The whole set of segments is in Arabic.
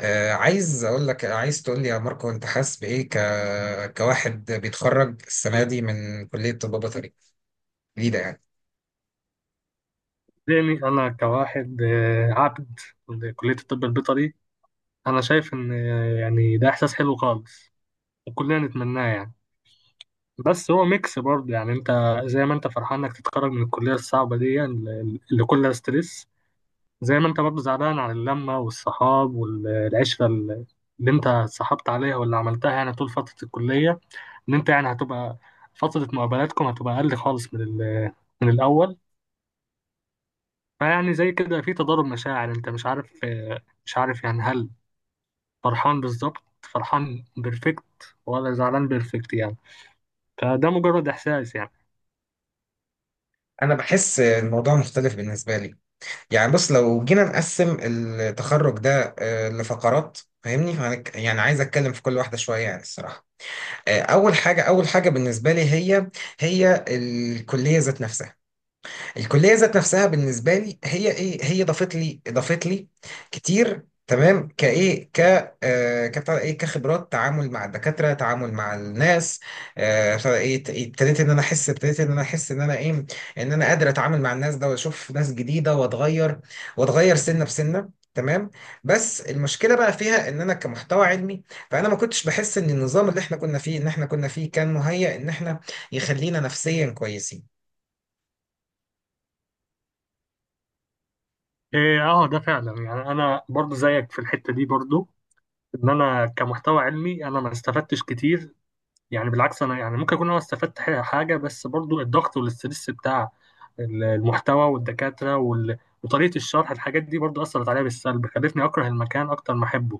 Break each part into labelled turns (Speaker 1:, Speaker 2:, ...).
Speaker 1: عايز اقول لك، عايز تقول لي يا ماركو، انت حاسس بايه كواحد بيتخرج السنه دي من كليه طب بيطري جديده يعني؟
Speaker 2: يعني أنا كواحد عبد لكلية الطب البيطري. أنا شايف إن يعني ده إحساس حلو خالص وكلنا نتمناه يعني. بس هو ميكس برضه يعني أنت زي ما أنت فرحان إنك تتخرج من الكلية الصعبة دي اللي كلها ستريس، زي ما أنت برضه زعلان على اللمة والصحاب والعشرة اللي أنت اتصاحبت عليها واللي عملتها يعني طول فترة الكلية، إن أنت يعني هتبقى فترة مقابلاتكم هتبقى أقل خالص من الأول. فيعني زي كده في تضارب مشاعر، انت مش عارف يعني هل فرحان بالظبط، فرحان بيرفكت، ولا زعلان بيرفكت يعني. فده مجرد احساس يعني.
Speaker 1: انا بحس الموضوع مختلف بالنسبه لي. يعني بص، لو جينا نقسم التخرج ده لفقرات، فاهمني؟ يعني عايز اتكلم في كل واحده شويه، يعني الصراحه. اول حاجه بالنسبه لي، هي الكليه ذات نفسها. الكليه ذات نفسها بالنسبه لي هي ايه؟ هي ضافت لي كتير، تمام؟ كايه ك آه كبتاع ده ايه كخبرات، تعامل مع الدكاتره، تعامل مع الناس، بتاع ده ايه ت- إيه، ابتديت ان انا احس ابتديت ان انا احس ان انا ايه ان انا قادر اتعامل مع الناس ده، واشوف ناس جديده، واتغير سنه بسنه، تمام. بس المشكله بقى فيها ان انا كمحتوى علمي، فانا ما كنتش بحس ان النظام اللي احنا كنا فيه كان مهيأ ان احنا، يخلينا نفسيا كويسين.
Speaker 2: ايه اه، ده فعلا، يعني انا برضو زيك في الحتة دي، برضو ان انا كمحتوى علمي انا ما استفدتش كتير. يعني بالعكس، انا يعني ممكن اكون انا استفدت حاجة، بس برضو الضغط والاسترس بتاع المحتوى والدكاترة وطريقة الشرح، الحاجات دي برضو أثرت عليا بالسلب، خلتني أكره المكان أكتر ما أحبه،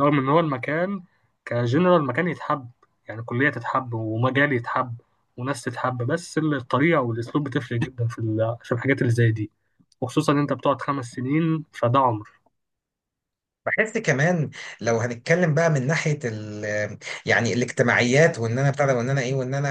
Speaker 2: رغم ان هو المكان كجنرال مكان يتحب. يعني كلية تتحب ومجال يتحب وناس تتحب، بس الطريقة والاسلوب بتفرق جدا في في الحاجات اللي زي دي، وخصوصا ان انت بتقعد 5 سنين فده عمر.
Speaker 1: بحس كمان، لو هنتكلم بقى من ناحية يعني الاجتماعيات، وان انا بتاع ده، وان انا ايه، وان انا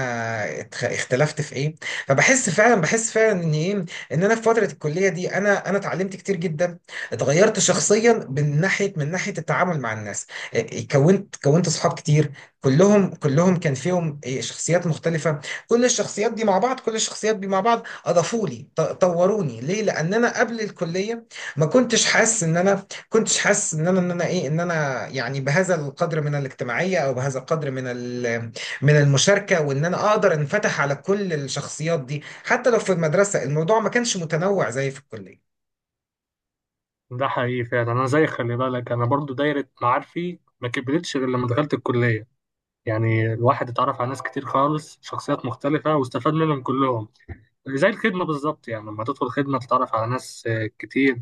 Speaker 1: اختلفت في ايه. فبحس فعلا بحس فعلا ان ايه، ان انا في فترة الكلية دي انا اتعلمت كتير جدا، اتغيرت شخصيا من ناحية التعامل مع الناس. كونت اصحاب كتير. كلهم كان فيهم شخصيات مختلفة. كل الشخصيات دي مع بعض كل الشخصيات دي مع بعض اضافوا لي، طوروني، ليه؟ لان انا قبل الكلية ما كنتش حاسس ان انا، كنتش حاسس ان انا، ان انا ايه ان انا يعني بهذا القدر من الاجتماعيه، او بهذا القدر من من المشاركه، وان انا اقدر انفتح على كل الشخصيات دي، حتى لو في المدرسه الموضوع ما كانش متنوع زي في الكليه.
Speaker 2: ده حقيقي فعلا. انا زي خلي بالك، انا برضو دايرة معارفي ما كبرتش غير لما دخلت الكلية. يعني الواحد اتعرف على ناس كتير خالص، شخصيات مختلفة، واستفاد منهم كلهم. زي الخدمة بالظبط، يعني لما تدخل خدمة تتعرف على ناس كتير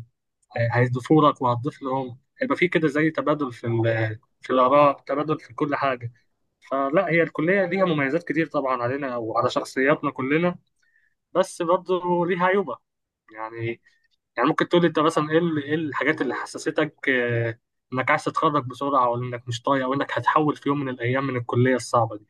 Speaker 2: هيضيفوا لك وهتضيف لهم، هيبقى في كده زي تبادل في في الآراء، تبادل في كل حاجة. فلا، هي الكلية ليها مميزات كتير طبعا علينا وعلى شخصياتنا كلنا، بس برضه ليها عيوبة يعني. يعني ممكن تقول لي انت مثلا ايه الحاجات اللي حسستك انك عايز تتخرج بسرعة، او انك مش طايق، او انك هتحول في يوم من الايام من الكلية الصعبة دي؟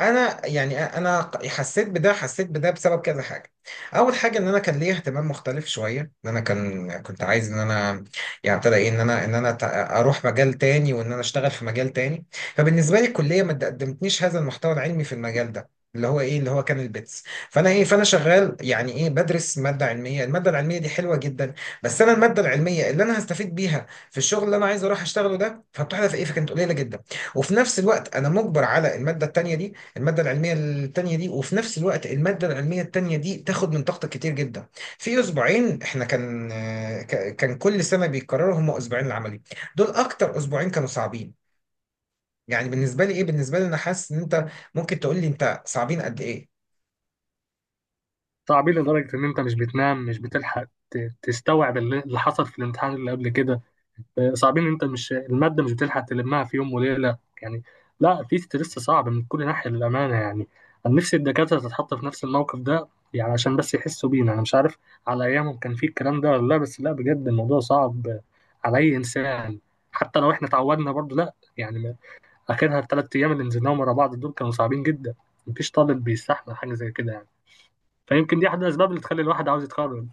Speaker 1: انا يعني انا حسيت بده بسبب كذا حاجه. اول حاجه ان انا كان ليا اهتمام مختلف شويه، ان انا كان كنت عايز ان انا يعني ابتدى ايه، ان انا اروح مجال تاني، وان انا اشتغل في مجال تاني. فبالنسبه لي الكليه ما قدمتنيش هذا المحتوى العلمي في المجال ده، اللي هو ايه، اللي هو كان البيتس. فانا ايه، فانا شغال يعني ايه، بدرس ماده علميه. الماده العلميه دي حلوه جدا، بس انا الماده العلميه اللي انا هستفيد بيها في الشغل اللي انا عايز اروح اشتغله ده، فبتحدث ايه، فكانت قليله جدا. وفي نفس الوقت انا مجبر على الماده التانيه دي، المادة العلمية التانية دي، وفي نفس الوقت المادة العلمية التانية دي تاخد من طاقتك كتير جدا. في أسبوعين احنا كان، كان كل سنة بيتكرروا هم أسبوعين العملي، دول أكتر أسبوعين كانوا صعبين. يعني بالنسبة لي إيه، بالنسبة لي أنا حاسس إن أنت ممكن تقول لي أنت صعبين قد إيه.
Speaker 2: صعبين لدرجة إن أنت مش بتنام، مش بتلحق تستوعب اللي حصل في الامتحان اللي قبل كده. صعبين إن أنت مش، المادة مش بتلحق تلمها في يوم وليلة يعني. لا، في ستريس صعب من كل ناحية للأمانة يعني. أنا نفسي الدكاترة تتحط في نفس الموقف ده، يعني عشان بس يحسوا بينا. أنا مش عارف على أيامهم كان في الكلام ده ولا لا، بس لا، بجد الموضوع صعب على أي إنسان، حتى لو إحنا اتعودنا برضه. لا يعني آخرها 3 أيام اللي نزلناهم ورا بعض دول كانوا صعبين جدا. مفيش طالب بيستحمل حاجة زي كده يعني. فيمكن دي احد الاسباب اللي تخلي الواحد عاوز يتخرج.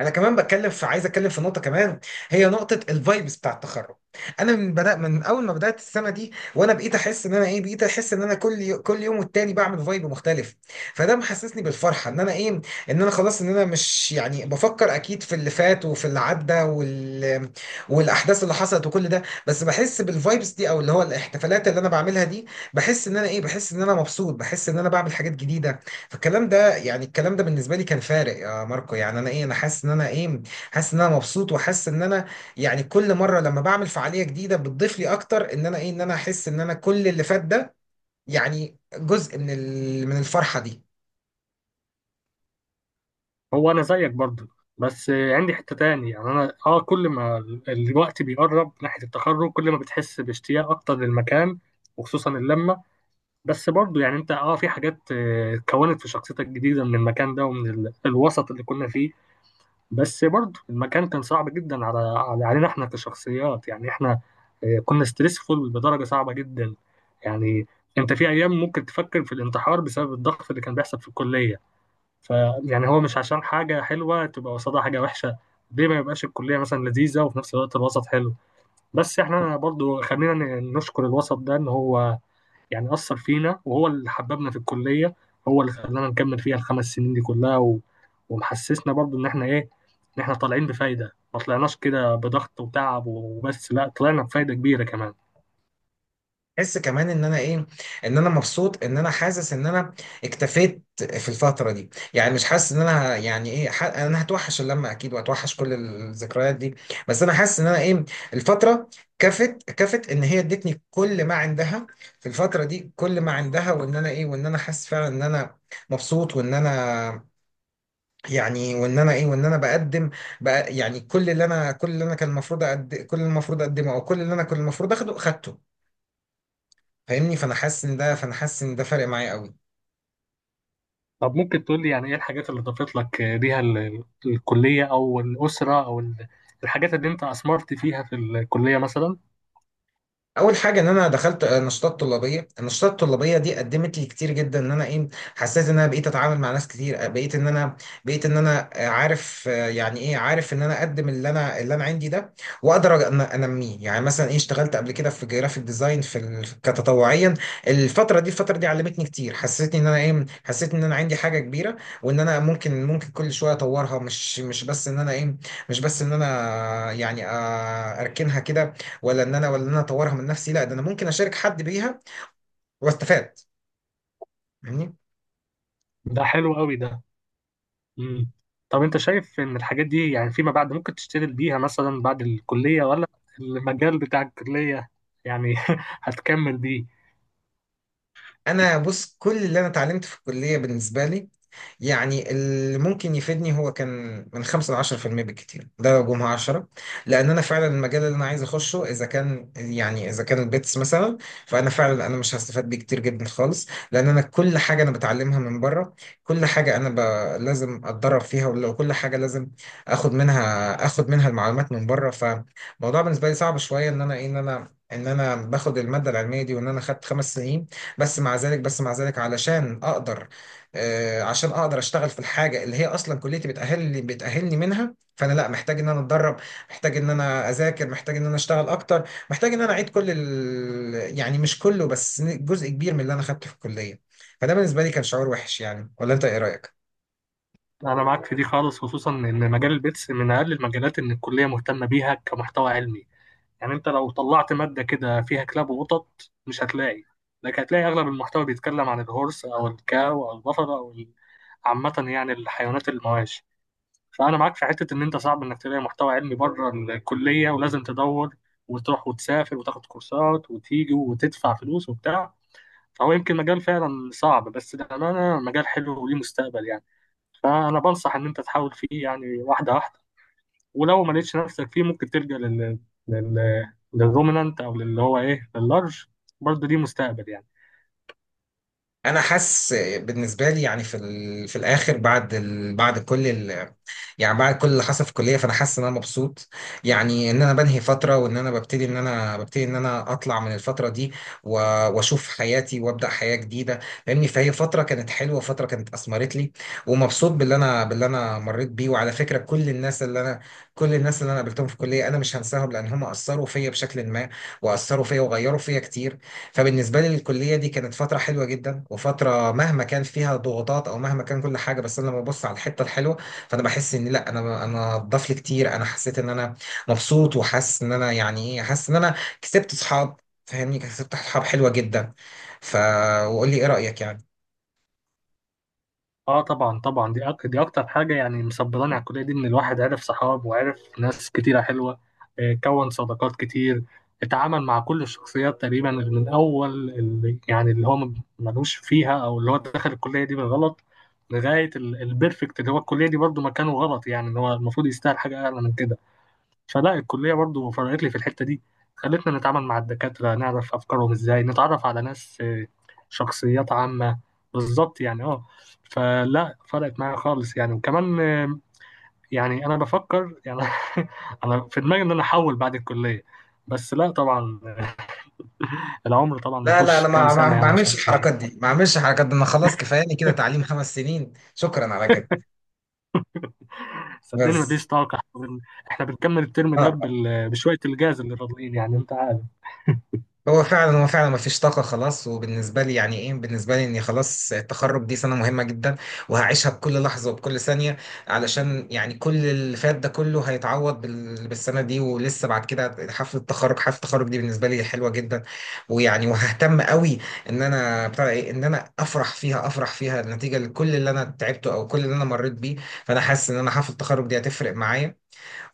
Speaker 1: انا كمان بتكلم في، عايز اتكلم في نقطه كمان، هي نقطه الفايبس بتاع التخرج. انا من بدا، من اول ما بدات السنه دي وانا بقيت احس ان انا ايه، بقيت احس ان انا كل يوم والتاني بعمل فايب مختلف. فده محسسني بالفرحه، ان انا ايه، ان انا خلاص، ان انا مش يعني بفكر اكيد في اللي فات وفي اللي عدى والاحداث اللي حصلت وكل ده. بس بحس بالفايبس دي، او اللي هو الاحتفالات اللي انا بعملها دي، بحس ان انا ايه، بحس ان انا مبسوط، بحس ان انا بعمل حاجات جديده. فالكلام ده، يعني الكلام ده بالنسبه لي كان فارق، يا ماركو. يعني انا ايه، انا حاسس ان انا ايه، حاسس ان انا مبسوط، وحاسس ان انا يعني كل مره لما بعمل فعاليه جديده بتضيف لي اكتر، ان انا ايه، ان انا احس ان انا كل اللي فات ده يعني جزء من من الفرحه دي.
Speaker 2: هو انا زيك برضو، بس عندي حتة تاني. يعني انا كل ما الوقت بيقرب ناحية التخرج، كل ما بتحس باشتياق اكتر للمكان، وخصوصا اللمة. بس برضو يعني انت في حاجات اتكونت في شخصيتك جديدة من المكان ده ومن الوسط اللي كنا فيه، بس برضو المكان كان صعب جدا علينا احنا كشخصيات. يعني احنا كنا ستريسفول بدرجة صعبة جدا يعني. انت في ايام ممكن تفكر في الانتحار بسبب الضغط اللي كان بيحصل في الكلية. ف يعني هو مش عشان حاجة حلوة تبقى قصادها حاجة وحشة. ليه ما يبقاش الكلية مثلا لذيذة وفي نفس الوقت الوسط حلو؟ بس احنا برضو خلينا نشكر الوسط ده ان هو يعني أثر فينا، وهو اللي حببنا في الكلية، هو اللي خلانا نكمل فيها 5 سنين دي كلها، ومحسسنا برضو ان احنا طالعين بفايدة، ما طلعناش كده بضغط وتعب وبس، لا، طلعنا بفايدة كبيرة كمان.
Speaker 1: احس كمان ان انا ايه، ان انا مبسوط، ان انا حاسس ان انا اكتفيت في الفتره دي. يعني مش حاسس ان انا يعني ايه، انا هتوحش اللمه اكيد، وهتوحش كل الذكريات دي. بس انا حاسس ان انا ايه، الفتره كفت ان هي ادتني كل ما عندها. في الفتره دي كل ما عندها، وان انا ايه، وان انا حاسس فعلا ان انا مبسوط، وان انا، يعني وان انا ايه، وان انا بقدم بقى يعني كل اللي انا كان المفروض كل اللي المفروض اقدمه، او كل اللي انا كنت المفروض اخده خدته. فاهمني؟ فانا حاسس ان ده فارق معايا قوي.
Speaker 2: طب ممكن تقول لي يعني ايه الحاجات اللي ضافت لك، ليها الكلية، او الأسرة، الحاجات اللي انت أثمرت فيها في الكلية مثلا؟
Speaker 1: اول حاجه ان انا دخلت نشاطات طلابيه. النشاطات الطلابيه دي قدمت لي كتير جدا، ان انا ايه، حسيت ان انا بقيت اتعامل مع ناس كتير، بقيت ان انا، بقيت ان انا عارف يعني ايه، عارف ان انا اقدم اللي انا، اللي انا عندي ده، واقدر ان انميه. يعني مثلا ايه، اشتغلت قبل كده في جرافيك ديزاين في كتطوعيا. الفتره دي علمتني كتير، حسيتني ان انا ايه، حسيت ان انا عندي حاجه كبيره، وان انا ممكن كل شويه اطورها، مش بس ان انا ايه، مش بس ان انا يعني اركنها كده، ولا ان انا، ولا ان انا اطورها من نفسي، لا ده انا ممكن اشارك حد بيها، واستفاد. فاهمني؟
Speaker 2: ده حلو قوي ده. مم. طب انت شايف ان الحاجات دي يعني فيما بعد ممكن تشتغل بيها مثلا بعد الكلية، ولا المجال بتاع الكلية يعني هتكمل بيه؟
Speaker 1: انا بص، كل اللي انا اتعلمت في الكليه بالنسبه لي يعني اللي ممكن يفيدني هو كان من 5 ل 10% بالكتير، ده لو جمعة 10. لان انا فعلا المجال اللي انا عايز اخشه، اذا كان يعني اذا كان البيتس مثلا، فانا فعلا انا مش هستفاد بيه كتير جدا خالص، لان انا كل حاجة انا بتعلمها من بره. كل حاجة انا لازم اتدرب فيها، ولو كل حاجة لازم اخد منها المعلومات من بره. فالموضوع بالنسبة لي صعب شوية، ان انا ايه، ان انا ان انا باخد الماده العلميه دي، وان انا خدت خمس سنين. بس مع ذلك علشان اقدر، عشان اقدر اشتغل في الحاجه اللي هي اصلا كليتي بتاهلني منها، فانا لا محتاج ان انا اتدرب، محتاج ان انا اذاكر، محتاج ان انا اشتغل اكتر، محتاج ان انا اعيد يعني مش كله، بس جزء كبير من اللي انا خدته في الكليه. فده بالنسبه لي كان شعور وحش يعني، ولا انت ايه رايك؟
Speaker 2: انا معاك في دي خالص، خصوصا ان مجال البيتس من اقل المجالات ان الكلية مهتمة بيها كمحتوى علمي. يعني انت لو طلعت مادة كده فيها كلاب وقطط مش هتلاقي، لكن هتلاقي اغلب المحتوى بيتكلم عن الهورس او الكاو او البفر عامة يعني الحيوانات المواشي. فانا معاك في حتة ان انت صعب انك تلاقي محتوى علمي بره الكلية، ولازم تدور وتروح وتسافر وتاخد كورسات وتيجي وتدفع فلوس وبتاع. فهو يمكن مجال فعلا صعب، بس للأمانة مجال حلو وليه مستقبل يعني. فأنا بنصح إن أنت تحاول فيه يعني، واحدة واحدة، ولو ما لقيتش نفسك فيه ممكن تلجأ لل لل للرومنانت، او للي هو لللارج. برضه دي مستقبل يعني.
Speaker 1: انا حاسس، بالنسبه لي يعني في في الاخر، بعد بعد كل يعني بعد كل اللي حصل في الكليه، فانا حاسس ان انا مبسوط. يعني ان انا بنهي فتره، وان انا ببتدي، ان انا اطلع من الفتره دي، و... واشوف حياتي، وابدا حياه جديده. فاهمني؟ فهي فتره كانت حلوه، فتره كانت اثمرت لي، ومبسوط باللي انا مريت بيه. وعلى فكره كل الناس اللي انا قابلتهم في الكليه انا مش هنساهم، لان هم اثروا فيا بشكل ما، واثروا فيا وغيروا فيا كتير. فبالنسبة لي الكلية دي كانت فترة حلوة جدا، وفترة مهما كان فيها ضغوطات، أو مهما كان كل حاجة، بس أنا لما ببص على الحتة الحلوة، فأنا بحس إن لأ، أنا اتضاف لي كتير. أنا حسيت إن أنا مبسوط، وحاسس إن أنا يعني إيه، حاسس إن أنا كسبت صحاب. فاهمني؟ كسبت صحاب حلوة جدا. ف، وقول لي إيه رأيك يعني.
Speaker 2: اه طبعا، طبعا، دي اكتر حاجه يعني مصبراني على الكليه دي، ان الواحد عرف صحاب وعرف ناس كتيره حلوه، كون صداقات كتير، اتعامل مع كل الشخصيات تقريبا، من اول اللي يعني اللي هو ملوش فيها او اللي هو دخل الكليه دي بالغلط، لغايه البيرفكت اللي هو الكليه دي برضه مكانه غلط، يعني ان هو المفروض يستاهل حاجه اعلى من كده. فلا، الكلية برضو فرقت لي في الحتة دي، خلتنا نتعامل مع الدكاترة، نعرف أفكارهم إزاي، نتعرف على ناس شخصيات عامة، بالظبط يعني اه. فلا، فرقت معايا خالص يعني. وكمان يعني أنا بفكر يعني أنا في دماغي إن أنا أحول بعد الكلية، بس لا طبعا، العمر طبعا
Speaker 1: لا لا،
Speaker 2: مفيهوش
Speaker 1: أنا
Speaker 2: كام
Speaker 1: ما ما
Speaker 2: سنة
Speaker 1: ما
Speaker 2: يعني، عشان
Speaker 1: بعملش الحركات دي، ما بعملش الحركات دي، أنا خلاص كفاياني كده تعليم خمس سنين، شكرا على كده.
Speaker 2: صدقني
Speaker 1: بس،
Speaker 2: مفيش طاقة. احنا إحنا بنكمل الترم ده
Speaker 1: آه.
Speaker 2: بشوية الجاز اللي فاضلين، يعني انت عارف.
Speaker 1: هو فعلا، هو فعلا ما فيش طاقة خلاص. وبالنسبة لي يعني ايه، بالنسبة لي اني خلاص التخرج دي سنة مهمة جدا، وهعيشها بكل لحظة وبكل ثانية. علشان يعني كل اللي فات ده كله هيتعوض بالسنة دي، ولسه بعد كده حفلة التخرج. حفلة التخرج دي بالنسبة لي حلوة جدا، ويعني وههتم قوي، ان انا بتاع ايه، ان انا افرح فيها، افرح فيها نتيجة لكل اللي انا تعبته، او كل اللي انا مريت بيه. فانا حاسس ان انا حفلة التخرج دي هتفرق معايا،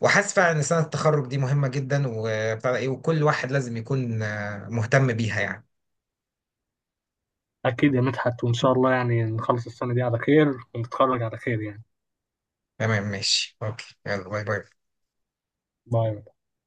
Speaker 1: وحاسس فعلا ان سنه التخرج دي مهمه جدا، وبتاع ده ايه، وكل واحد لازم يكون مهتم بيها يعني.
Speaker 2: أكيد يا مدحت، وإن شاء الله يعني نخلص السنة دي على خير ونتخرج على خير يعني.
Speaker 1: تمام، ماشي، اوكي، يلا، باي باي.
Speaker 2: باي.